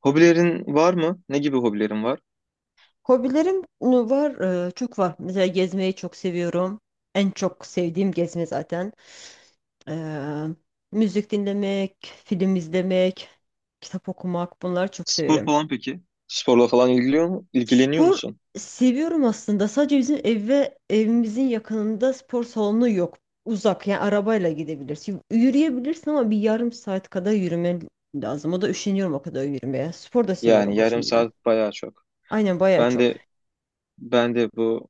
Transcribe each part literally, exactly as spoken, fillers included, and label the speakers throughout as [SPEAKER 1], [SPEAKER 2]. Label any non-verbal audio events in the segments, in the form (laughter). [SPEAKER 1] Hobilerin var mı? Ne gibi hobilerin var?
[SPEAKER 2] Hobilerim ıı, var, ıı, çok var. Mesela gezmeyi çok seviyorum. En çok sevdiğim gezme zaten. Ee, müzik dinlemek, film izlemek, kitap okumak bunları çok
[SPEAKER 1] Spor
[SPEAKER 2] severim.
[SPEAKER 1] falan peki? Sporla falan ilgiliyor mu? İlgileniyor
[SPEAKER 2] Spor
[SPEAKER 1] musun?
[SPEAKER 2] seviyorum aslında. Sadece bizim ev ve evimizin yakınında spor salonu yok. Uzak yani arabayla gidebilirsin. Yürüyebilirsin ama bir yarım saat kadar yürümen lazım. O da üşeniyorum o kadar yürümeye. Spor da
[SPEAKER 1] Yani
[SPEAKER 2] seviyorum
[SPEAKER 1] yarım
[SPEAKER 2] aslında.
[SPEAKER 1] saat bayağı çok.
[SPEAKER 2] Aynen bayağı
[SPEAKER 1] Ben
[SPEAKER 2] çok.
[SPEAKER 1] de ben de bu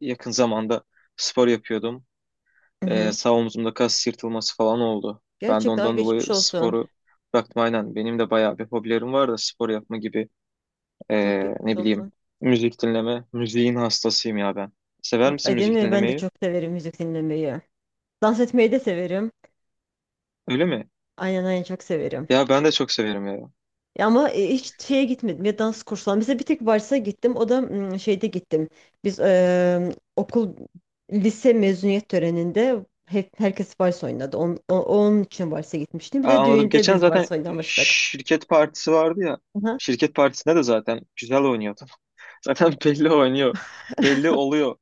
[SPEAKER 1] yakın zamanda spor yapıyordum.
[SPEAKER 2] Hı
[SPEAKER 1] Ee,
[SPEAKER 2] hı.
[SPEAKER 1] sağ omzumda kas yırtılması falan oldu. Ben de
[SPEAKER 2] Gerçekten ay
[SPEAKER 1] ondan dolayı
[SPEAKER 2] geçmiş olsun.
[SPEAKER 1] sporu bıraktım aynen. Benim de bayağı bir hobilerim var da spor yapma gibi, ee,
[SPEAKER 2] Çok geçmiş
[SPEAKER 1] ne bileyim,
[SPEAKER 2] olsun.
[SPEAKER 1] müzik dinleme. Müziğin hastasıyım ya ben. Sever misin
[SPEAKER 2] Ay, değil
[SPEAKER 1] müzik
[SPEAKER 2] mi? Ben de
[SPEAKER 1] dinlemeyi?
[SPEAKER 2] çok severim müzik dinlemeyi. Dans etmeyi de severim.
[SPEAKER 1] Öyle mi?
[SPEAKER 2] Aynen, aynen, çok severim.
[SPEAKER 1] Ya ben de çok severim ya.
[SPEAKER 2] Ya ama e, hiç şeye gitmedim ya, dans kursuna. Mesela bir tek varsa gittim. O da mm, şeyde gittim. Biz e, okul lise mezuniyet töreninde hep herkes vals oynadı. On, o- onun için varsa gitmiştim. Bir
[SPEAKER 1] Aa,
[SPEAKER 2] de
[SPEAKER 1] anladım.
[SPEAKER 2] düğünde
[SPEAKER 1] Geçen
[SPEAKER 2] biz
[SPEAKER 1] zaten
[SPEAKER 2] vals oynamıştık.
[SPEAKER 1] şirket partisi vardı ya.
[SPEAKER 2] Aha.
[SPEAKER 1] Şirket partisinde de zaten güzel oynuyordu. (laughs) Zaten belli oynuyor. Belli oluyor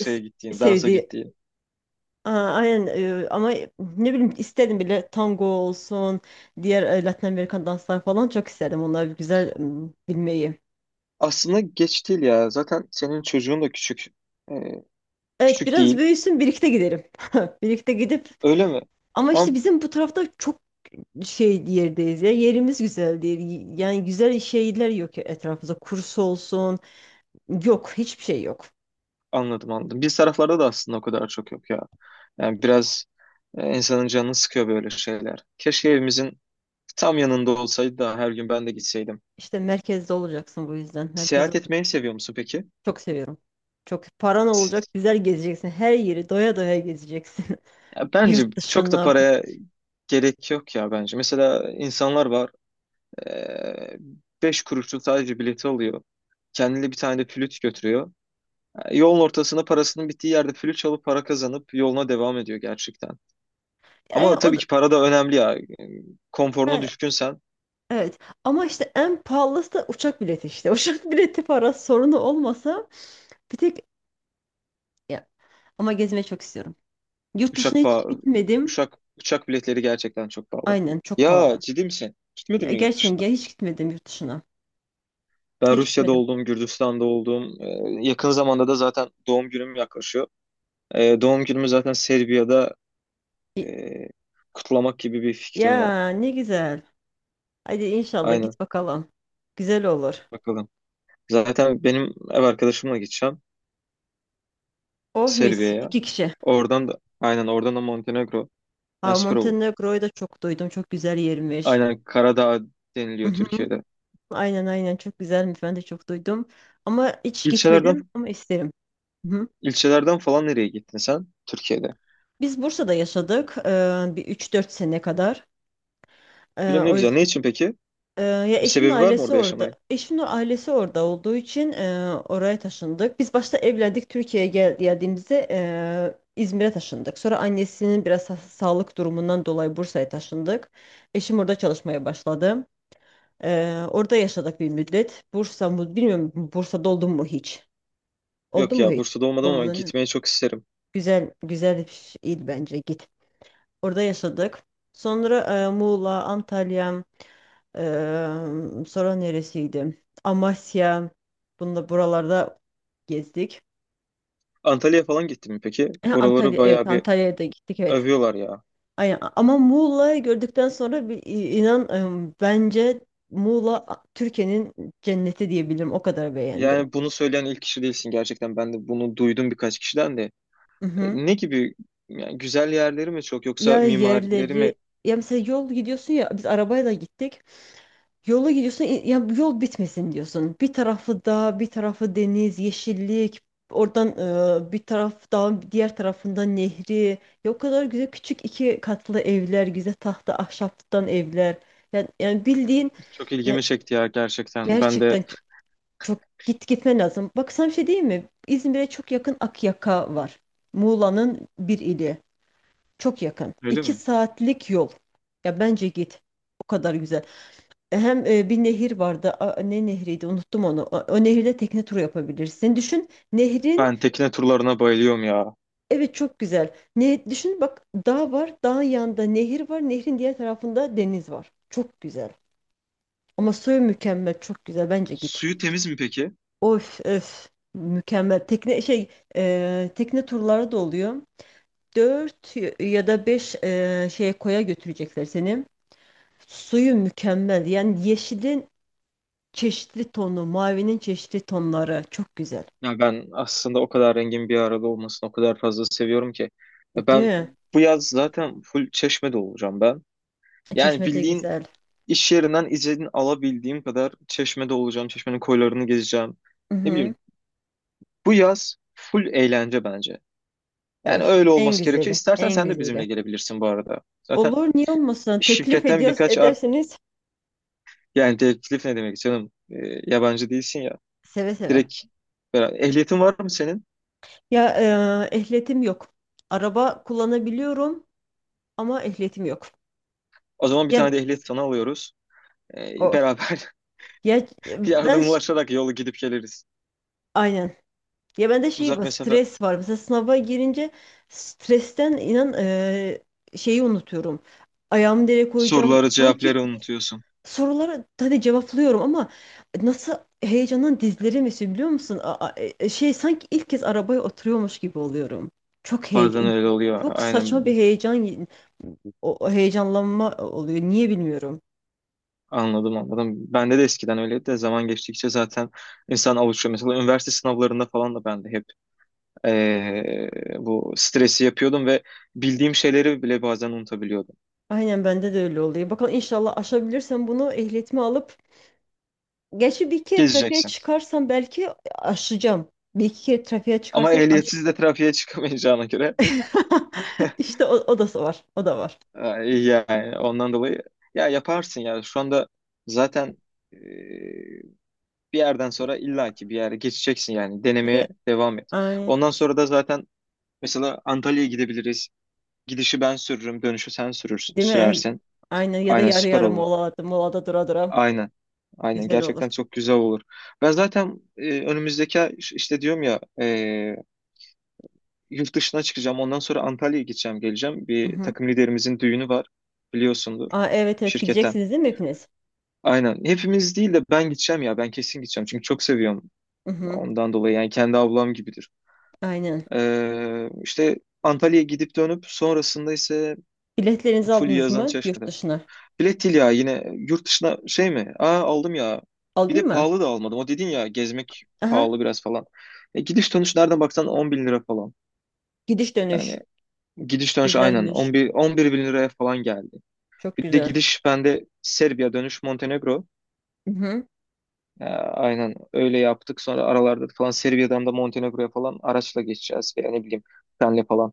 [SPEAKER 2] Se-
[SPEAKER 1] gittiğin, dansa
[SPEAKER 2] sevdiği
[SPEAKER 1] gittiğin.
[SPEAKER 2] Aa, aynen, e, ama ne bileyim, istedim bile tango olsun, diğer e, Latin Amerikan danslar falan, çok istedim onları güzel m, bilmeyi.
[SPEAKER 1] Aslında geç değil ya. Zaten senin çocuğun da küçük. Ee,
[SPEAKER 2] Evet,
[SPEAKER 1] Küçük
[SPEAKER 2] biraz
[SPEAKER 1] değil.
[SPEAKER 2] büyüsün birlikte gidelim. (laughs) Birlikte gidip,
[SPEAKER 1] Öyle mi?
[SPEAKER 2] ama
[SPEAKER 1] Ama
[SPEAKER 2] işte bizim bu tarafta çok şey yerdeyiz ya, yerimiz güzel değil. Yani güzel şeyler yok ya etrafımızda, kurs olsun yok, hiçbir şey yok.
[SPEAKER 1] anladım, anladım. Biz taraflarda da aslında o kadar çok yok ya. Yani biraz, e, insanın canını sıkıyor böyle şeyler. Keşke evimizin tam yanında olsaydı da her gün ben de gitseydim.
[SPEAKER 2] İşte merkezde olacaksın, bu yüzden merkezde
[SPEAKER 1] Seyahat etmeyi seviyor musun peki?
[SPEAKER 2] çok seviyorum. Çok paran olacak, güzel gezeceksin, her yeri doya doya gezeceksin.
[SPEAKER 1] Ya
[SPEAKER 2] (laughs)
[SPEAKER 1] bence
[SPEAKER 2] Yurt
[SPEAKER 1] çok da
[SPEAKER 2] dışına.
[SPEAKER 1] paraya gerek yok ya bence. Mesela insanlar var. eee Beş kuruşluk sadece bileti alıyor. Kendine bir tane de flüt götürüyor. Yani yolun ortasına, parasının bittiği yerde flüt çalıp para kazanıp yoluna devam ediyor gerçekten.
[SPEAKER 2] E,
[SPEAKER 1] Ama
[SPEAKER 2] o
[SPEAKER 1] tabii
[SPEAKER 2] da-
[SPEAKER 1] ki para da önemli ya. Konforuna
[SPEAKER 2] e,
[SPEAKER 1] düşkünsen,
[SPEAKER 2] evet, ama işte en pahalısı da uçak bileti işte. (laughs) Uçak bileti parası sorunu olmasa, bir tek, ya, ama gezmeyi çok istiyorum. Yurt
[SPEAKER 1] uçak
[SPEAKER 2] dışına hiç
[SPEAKER 1] pa-
[SPEAKER 2] gitmedim.
[SPEAKER 1] uçak uçak biletleri gerçekten çok pahalı.
[SPEAKER 2] Aynen, çok
[SPEAKER 1] Ya
[SPEAKER 2] pahalı.
[SPEAKER 1] ciddi misin? Gitmedin
[SPEAKER 2] Ya,
[SPEAKER 1] mi yurt
[SPEAKER 2] gerçekten
[SPEAKER 1] dışına?
[SPEAKER 2] ya, hiç gitmedim yurt dışına.
[SPEAKER 1] Ben
[SPEAKER 2] Hiç
[SPEAKER 1] Rusya'da
[SPEAKER 2] gitmedim.
[SPEAKER 1] oldum, Gürcistan'da oldum. Eee, yakın zamanda da zaten doğum günüm yaklaşıyor. Eee, doğum günümü zaten Serbia'da e,
[SPEAKER 2] Y-
[SPEAKER 1] kutlamak gibi bir fikrim var.
[SPEAKER 2] Ya ne güzel. Hadi inşallah
[SPEAKER 1] Aynen.
[SPEAKER 2] git bakalım. Güzel olur.
[SPEAKER 1] Bakalım. Zaten benim ev arkadaşımla gideceğim
[SPEAKER 2] Oh mis,
[SPEAKER 1] Serbia'ya.
[SPEAKER 2] iki kişi.
[SPEAKER 1] Oradan da aynen, oradan da Montenegro. Ha,
[SPEAKER 2] Ha,
[SPEAKER 1] süper olur.
[SPEAKER 2] Montenegro'yu da çok duydum. Çok güzel yermiş.
[SPEAKER 1] Aynen Karadağ deniliyor
[SPEAKER 2] Mhm.
[SPEAKER 1] Türkiye'de.
[SPEAKER 2] Aynen, aynen, çok güzelmiş. Ben de çok duydum. Ama hiç
[SPEAKER 1] İlçelerden
[SPEAKER 2] gitmedim, ama isterim. Hı.
[SPEAKER 1] ilçelerden falan nereye gittin sen Türkiye'de?
[SPEAKER 2] Biz Bursa'da yaşadık eee, bir üç dört sene kadar. Eee,
[SPEAKER 1] Bilmem, ne
[SPEAKER 2] o
[SPEAKER 1] güzel.
[SPEAKER 2] yüz-
[SPEAKER 1] Ne için peki?
[SPEAKER 2] eee, ya
[SPEAKER 1] Bir
[SPEAKER 2] eşimin
[SPEAKER 1] sebebi var mı
[SPEAKER 2] ailesi
[SPEAKER 1] orada
[SPEAKER 2] orada.
[SPEAKER 1] yaşamayın?
[SPEAKER 2] Eşimin ailesi orada olduğu için eee, oraya taşındık. Biz başta evlendik, Türkiye'ye gel geldiğimizde eee, İzmir'e taşındık. Sonra annesinin biraz sa- sağlık durumundan dolayı Bursa'ya taşındık. Eşim orada çalışmaya başladı. Eee, orada yaşadık bir müddet. Bursa mı bilmiyorum, Bursa'da oldun mu hiç? Oldun
[SPEAKER 1] Yok
[SPEAKER 2] mu
[SPEAKER 1] ya,
[SPEAKER 2] hiç?
[SPEAKER 1] Bursa'da olmadım ama
[SPEAKER 2] Olmadın değil mi?
[SPEAKER 1] gitmeyi çok isterim.
[SPEAKER 2] Güzel, güzel bir şeydi, bence git. Orada yaşadık. Sonra e, Muğla, Antalya, e, sonra neresiydi? Amasya. Bunda buralarda gezdik.
[SPEAKER 1] Antalya'ya falan gittin mi peki?
[SPEAKER 2] (clears throat) Ha,
[SPEAKER 1] Oraları
[SPEAKER 2] Antalya, evet
[SPEAKER 1] bayağı bir
[SPEAKER 2] Antalya'ya da gittik, evet.
[SPEAKER 1] övüyorlar ya.
[SPEAKER 2] Aynen. Ama Muğla'yı gördükten sonra bir, inan e, bence Muğla Türkiye'nin cenneti diyebilirim. O kadar beğendim.
[SPEAKER 1] Yani bunu söyleyen ilk kişi değilsin gerçekten. Ben de bunu duydum birkaç kişiden de. E,
[SPEAKER 2] Mhm.
[SPEAKER 1] Ne gibi, yani güzel yerleri mi çok yoksa
[SPEAKER 2] Ya
[SPEAKER 1] mimarileri mi?
[SPEAKER 2] yerleri, ya mesela yol gidiyorsun ya, biz arabayla gittik. Yola gidiyorsun, i- ya bu yol bitmesin diyorsun. Bir tarafı dağ, bir tarafı deniz, yeşillik. Oradan e, bir taraf dağın, diğer tarafında nehri. Ya o kadar güzel küçük iki katlı evler, güzel tahta ahşaptan evler. Yani, yani bildiğin
[SPEAKER 1] Çok ilgimi
[SPEAKER 2] ya,
[SPEAKER 1] çekti ya gerçekten. Ben
[SPEAKER 2] gerçekten
[SPEAKER 1] de,
[SPEAKER 2] çok, çok git gitmen lazım. Bak sana bir şey diyeyim mi? İzmir'e çok yakın Akyaka var. Muğla'nın bir ili. Çok yakın.
[SPEAKER 1] öyle
[SPEAKER 2] İki
[SPEAKER 1] mi?
[SPEAKER 2] saatlik yol. Ya bence git. O kadar güzel. E, Hem e, bir nehir vardı. A- ne nehriydi? Unuttum onu. O, o nehirde tekne turu yapabilirsin. Düşün nehrin.
[SPEAKER 1] Ben tekne turlarına bayılıyorum ya.
[SPEAKER 2] Evet, çok güzel. Ne düşün bak, dağ var. Dağın yanında nehir var. Nehrin diğer tarafında deniz var. Çok güzel. Ama Söğüt mükemmel. Çok güzel. Bence git.
[SPEAKER 1] Suyu temiz mi peki?
[SPEAKER 2] Of öf. Mükemmel. Tekne şey e, tekne turları da oluyor. Dört ya da beş e, şeye, koya götürecekler seni. Suyu mükemmel. Yani yeşilin çeşitli tonu, mavinin çeşitli tonları çok güzel.
[SPEAKER 1] Ya ben aslında o kadar rengin bir arada olmasını o kadar fazla seviyorum ki. E
[SPEAKER 2] Değil
[SPEAKER 1] Ben
[SPEAKER 2] mi?
[SPEAKER 1] bu yaz zaten full Çeşme'de olacağım ben. Yani
[SPEAKER 2] Çeşme de
[SPEAKER 1] bildiğin,
[SPEAKER 2] güzel.
[SPEAKER 1] iş yerinden izin alabildiğim kadar Çeşme'de olacağım. Çeşme'nin koylarını gezeceğim. Ne
[SPEAKER 2] Hı-hı.
[SPEAKER 1] bileyim, bu yaz full eğlence bence. Yani
[SPEAKER 2] Ay,
[SPEAKER 1] öyle
[SPEAKER 2] en
[SPEAKER 1] olması gerekiyor.
[SPEAKER 2] güzeli,
[SPEAKER 1] İstersen
[SPEAKER 2] en
[SPEAKER 1] sen de bizimle
[SPEAKER 2] güzeli.
[SPEAKER 1] gelebilirsin bu arada. Zaten
[SPEAKER 2] Olur, niye olmasın? Teklif
[SPEAKER 1] şirketten
[SPEAKER 2] ediyoruz,
[SPEAKER 1] birkaç, ar
[SPEAKER 2] edersiniz,
[SPEAKER 1] yani teklif ne demek canım? Ee, yabancı değilsin ya,
[SPEAKER 2] seve seve.
[SPEAKER 1] direkt beraber. Ehliyetin var mı senin?
[SPEAKER 2] Ya, e, ehliyetim yok. Araba kullanabiliyorum ama ehliyetim yok.
[SPEAKER 1] O zaman bir tane
[SPEAKER 2] Ya
[SPEAKER 1] de ehliyet sana alıyoruz. Ee,
[SPEAKER 2] o
[SPEAKER 1] beraber
[SPEAKER 2] ya
[SPEAKER 1] (laughs)
[SPEAKER 2] ben ş-
[SPEAKER 1] yardımlaşarak yolu gidip geliriz.
[SPEAKER 2] Aynen. Ya bende şey
[SPEAKER 1] Uzak
[SPEAKER 2] var,
[SPEAKER 1] mesafe,
[SPEAKER 2] stres var. Mesela sınava girince stresten inan eee, şeyi unutuyorum. Ayağımı nereye koyacağım?
[SPEAKER 1] soruları
[SPEAKER 2] Sanki
[SPEAKER 1] cevapları unutuyorsun.
[SPEAKER 2] sorulara hadi cevaplıyorum ama nasıl, heyecandan dizlerim esiyor biliyor musun? A- a- e, e, şey sanki ilk kez arabaya oturuyormuş gibi oluyorum. Çok
[SPEAKER 1] Bazen
[SPEAKER 2] heyecan,
[SPEAKER 1] öyle oluyor.
[SPEAKER 2] çok saçma
[SPEAKER 1] Aynen,
[SPEAKER 2] bir heyecan, o o heyecanlanma oluyor. Niye bilmiyorum.
[SPEAKER 1] anladım anladım. Bende de eskiden öyleydi de zaman geçtikçe zaten insan alışıyor. Mesela üniversite sınavlarında falan da ben de hep, ee, bu stresi yapıyordum ve bildiğim şeyleri bile bazen unutabiliyordum.
[SPEAKER 2] Aynen, bende de öyle oluyor. Bakalım inşallah aşabilirsem bunu, ehliyetimi alıp. Gerçi bir iki kere trafiğe
[SPEAKER 1] Gezeceksin.
[SPEAKER 2] çıkarsam belki aşacağım. Bir iki kere trafiğe
[SPEAKER 1] Ama
[SPEAKER 2] çıkarsam aş.
[SPEAKER 1] ehliyetsiz de trafiğe çıkamayacağına göre,
[SPEAKER 2] (laughs) İşte o, o da var. O da var.
[SPEAKER 1] e, iyi yani ondan dolayı ya yaparsın ya şu anda zaten, e, bir yerden sonra illaki bir yere geçeceksin, yani
[SPEAKER 2] Ya,
[SPEAKER 1] denemeye devam et.
[SPEAKER 2] ay,
[SPEAKER 1] Ondan sonra da zaten mesela Antalya'ya gidebiliriz. Gidişi ben sürürüm, dönüşü sen sürür,
[SPEAKER 2] değil mi? Ay.
[SPEAKER 1] sürersin.
[SPEAKER 2] Aynen, ya da
[SPEAKER 1] Aynen
[SPEAKER 2] yarı
[SPEAKER 1] süper
[SPEAKER 2] yarı
[SPEAKER 1] olur.
[SPEAKER 2] molada, molada, dura dura.
[SPEAKER 1] Aynen. Aynen
[SPEAKER 2] Güzel olur.
[SPEAKER 1] gerçekten çok güzel olur. Ben zaten, e, önümüzdeki ay, işte diyorum ya, e, yurt dışına çıkacağım. Ondan sonra Antalya'ya gideceğim, geleceğim. Bir
[SPEAKER 2] Mhm.
[SPEAKER 1] takım liderimizin düğünü var. Biliyorsundur,
[SPEAKER 2] Aa, evet, evet,
[SPEAKER 1] şirketten.
[SPEAKER 2] gideceksiniz değil mi hepiniz?
[SPEAKER 1] Aynen. Hepimiz değil de ben gideceğim ya. Ben kesin gideceğim. Çünkü çok seviyorum.
[SPEAKER 2] Mhm.
[SPEAKER 1] Ondan dolayı yani, kendi ablam gibidir.
[SPEAKER 2] Aynen.
[SPEAKER 1] Ee, işte Antalya'ya gidip dönüp sonrasında ise
[SPEAKER 2] Biletlerinizi
[SPEAKER 1] full
[SPEAKER 2] aldınız
[SPEAKER 1] yazan
[SPEAKER 2] mı yurt
[SPEAKER 1] Çeşme'de.
[SPEAKER 2] dışına?
[SPEAKER 1] Bilet değil ya, yine yurt dışına şey mi? Aa, aldım ya. Bir de
[SPEAKER 2] Aldın mı?
[SPEAKER 1] pahalı da almadım. O dedin ya, gezmek
[SPEAKER 2] Aha.
[SPEAKER 1] pahalı biraz falan. E, gidiş dönüş nereden baksan on bin lira falan.
[SPEAKER 2] Gidiş dönüş.
[SPEAKER 1] Yani gidiş dönüş aynen,
[SPEAKER 2] Güzelmiş.
[SPEAKER 1] on bir on bir bin liraya falan geldi.
[SPEAKER 2] Çok
[SPEAKER 1] Bir de
[SPEAKER 2] güzel.
[SPEAKER 1] gidiş bende Serbiya, dönüş Montenegro.
[SPEAKER 2] Mhm.
[SPEAKER 1] Ee, aynen öyle yaptık. Sonra aralarda falan Serbia'dan da Montenegro'ya falan araçla geçeceğiz veya ne bileyim, trenle falan.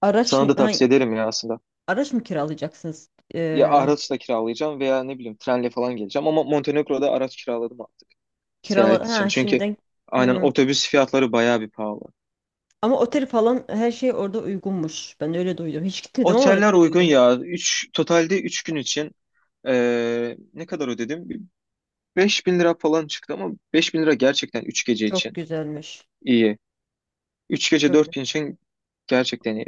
[SPEAKER 2] Araç,
[SPEAKER 1] Sana da
[SPEAKER 2] hangi,
[SPEAKER 1] tavsiye ederim ya aslında.
[SPEAKER 2] araç mı kiralayacaksınız?
[SPEAKER 1] Ya
[SPEAKER 2] Ee,
[SPEAKER 1] araçla kiralayacağım veya ne bileyim, trenle falan geleceğim, ama Montenegro'da araç kiraladım artık seyahat
[SPEAKER 2] Kirala
[SPEAKER 1] için.
[SPEAKER 2] ha
[SPEAKER 1] Çünkü
[SPEAKER 2] şimdi.
[SPEAKER 1] aynen
[SPEAKER 2] Hmm.
[SPEAKER 1] otobüs fiyatları bayağı bir pahalı.
[SPEAKER 2] Ama otel falan her şey orada uygunmuş. Ben öyle duydum. Hiç gitmedim ama
[SPEAKER 1] Oteller
[SPEAKER 2] öyle
[SPEAKER 1] uygun
[SPEAKER 2] duydum.
[SPEAKER 1] ya. Üç totalde, üç gün için, ee, ne kadar ödedim? Beş bin lira falan çıktı, ama beş bin lira gerçekten üç gece
[SPEAKER 2] Çok
[SPEAKER 1] için
[SPEAKER 2] güzelmiş.
[SPEAKER 1] iyi. Üç gece
[SPEAKER 2] Çok
[SPEAKER 1] dört gün için gerçekten iyi.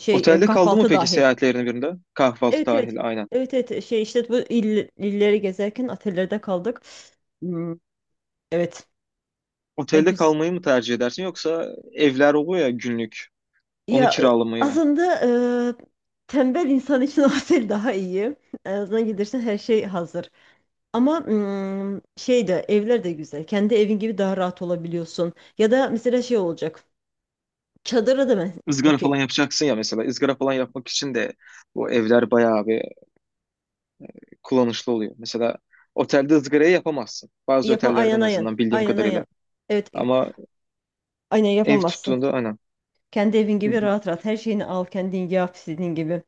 [SPEAKER 2] şey e,
[SPEAKER 1] Otelde kaldı mı
[SPEAKER 2] Kahvaltı
[SPEAKER 1] peki
[SPEAKER 2] dahil.
[SPEAKER 1] seyahatlerin birinde? Kahvaltı
[SPEAKER 2] Evet, evet.
[SPEAKER 1] dahil aynen.
[SPEAKER 2] Evet, evet, şey işte bu il, illeri gezerken otellerde kaldık. Hmm, evet. Ya,
[SPEAKER 1] Otelde
[SPEAKER 2] güz-
[SPEAKER 1] kalmayı mı tercih edersin, yoksa evler oluyor ya günlük. Onu
[SPEAKER 2] ya e,
[SPEAKER 1] kiralamayı mı?
[SPEAKER 2] aslında e, tembel insan için (laughs) otel daha iyi. En azından gidersin, her şey hazır. Ama hmm, şey de, evler de güzel. Kendi evin gibi daha rahat olabiliyorsun. Ya da mesela şey olacak. Çadırı da mı?
[SPEAKER 1] Izgara falan
[SPEAKER 2] Okey.
[SPEAKER 1] yapacaksın ya mesela. Izgara falan yapmak için de bu evler bayağı bir kullanışlı oluyor. Mesela otelde ızgarayı yapamazsın. Bazı
[SPEAKER 2] Yapam
[SPEAKER 1] otellerde,
[SPEAKER 2] aynen,
[SPEAKER 1] en
[SPEAKER 2] aynen.
[SPEAKER 1] azından bildiğim
[SPEAKER 2] Aynen, aynen.
[SPEAKER 1] kadarıyla.
[SPEAKER 2] Evet,
[SPEAKER 1] Ama
[SPEAKER 2] aynen
[SPEAKER 1] ev
[SPEAKER 2] yapamazsın.
[SPEAKER 1] tuttuğunda aynen.
[SPEAKER 2] Kendi evin gibi rahat rahat. Her şeyini al, kendin yap istediğin gibi.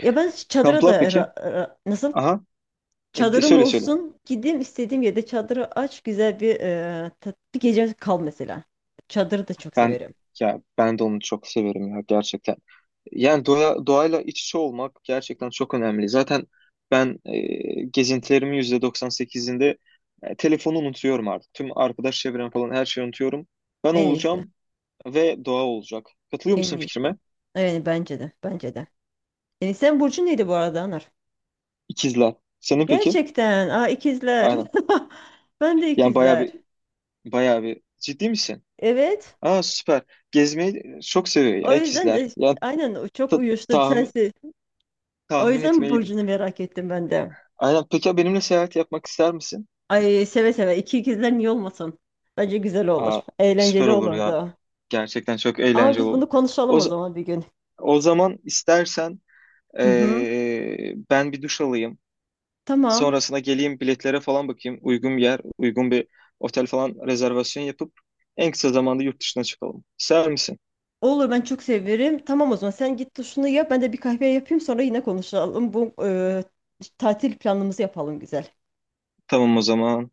[SPEAKER 2] Ya ben çadıra
[SPEAKER 1] Kamplar
[SPEAKER 2] da
[SPEAKER 1] peki?
[SPEAKER 2] ra- ra- nasıl?
[SPEAKER 1] Aha. E, de-
[SPEAKER 2] Çadırım
[SPEAKER 1] söyle söyle.
[SPEAKER 2] olsun. Gideyim istediğim yerde çadırı aç. Güzel bir, e, tat- bir gece kal mesela. Çadırı da çok
[SPEAKER 1] Ben
[SPEAKER 2] severim.
[SPEAKER 1] ya ben de onu çok severim ya gerçekten. Yani doğa, doğayla iç içe olmak gerçekten çok önemli. Zaten ben, e, gezintilerimin yüzde doksan sekizinde, e, telefonu unutuyorum artık. Tüm arkadaş çevrem falan, her şeyi unutuyorum. Ben
[SPEAKER 2] En iyisi.
[SPEAKER 1] olacağım ve doğa olacak. Katılıyor
[SPEAKER 2] En
[SPEAKER 1] musun
[SPEAKER 2] iyisi.
[SPEAKER 1] fikrime?
[SPEAKER 2] Evet, bence de. Bence de. E, sen burcu neydi bu arada, Anar?
[SPEAKER 1] İkizler. Senin peki?
[SPEAKER 2] Gerçekten. Aa, ikizler. (laughs)
[SPEAKER 1] Aynen.
[SPEAKER 2] Ben de
[SPEAKER 1] Yani bayağı bir
[SPEAKER 2] ikizler.
[SPEAKER 1] bayağı bir ciddi misin?
[SPEAKER 2] Evet.
[SPEAKER 1] Aa, süper. Gezmeyi çok seviyor
[SPEAKER 2] O
[SPEAKER 1] ya
[SPEAKER 2] yüzden
[SPEAKER 1] ikizler.
[SPEAKER 2] e,
[SPEAKER 1] Yani
[SPEAKER 2] aynen, o çok
[SPEAKER 1] ta-
[SPEAKER 2] uyuştu,
[SPEAKER 1] tahmin
[SPEAKER 2] sensin. O
[SPEAKER 1] tahmin
[SPEAKER 2] yüzden
[SPEAKER 1] etmeliydim.
[SPEAKER 2] burcunu merak ettim ben de.
[SPEAKER 1] Aynen. Peki ya benimle seyahat yapmak ister misin?
[SPEAKER 2] Ay, seve seve, iki ikizler niye olmasın? Bence güzel olur.
[SPEAKER 1] Aa, süper
[SPEAKER 2] Eğlenceli
[SPEAKER 1] olur ya.
[SPEAKER 2] olurdu.
[SPEAKER 1] Gerçekten çok
[SPEAKER 2] Ama
[SPEAKER 1] eğlenceli
[SPEAKER 2] biz
[SPEAKER 1] olur.
[SPEAKER 2] bunu
[SPEAKER 1] O,
[SPEAKER 2] konuşalım o
[SPEAKER 1] z-
[SPEAKER 2] zaman bir gün.
[SPEAKER 1] o zaman istersen,
[SPEAKER 2] Hı hı.
[SPEAKER 1] eee, ben bir duş alayım.
[SPEAKER 2] Tamam.
[SPEAKER 1] Sonrasında geleyim, biletlere falan bakayım. Uygun bir yer, uygun bir otel falan rezervasyon yapıp en kısa zamanda yurt dışına çıkalım. İster misin?
[SPEAKER 2] Olur, ben çok severim. Tamam, o zaman sen git duşunu yap. Ben de bir kahve yapayım, sonra yine konuşalım. Bu e, tatil planımızı yapalım, güzel.
[SPEAKER 1] Tamam o zaman.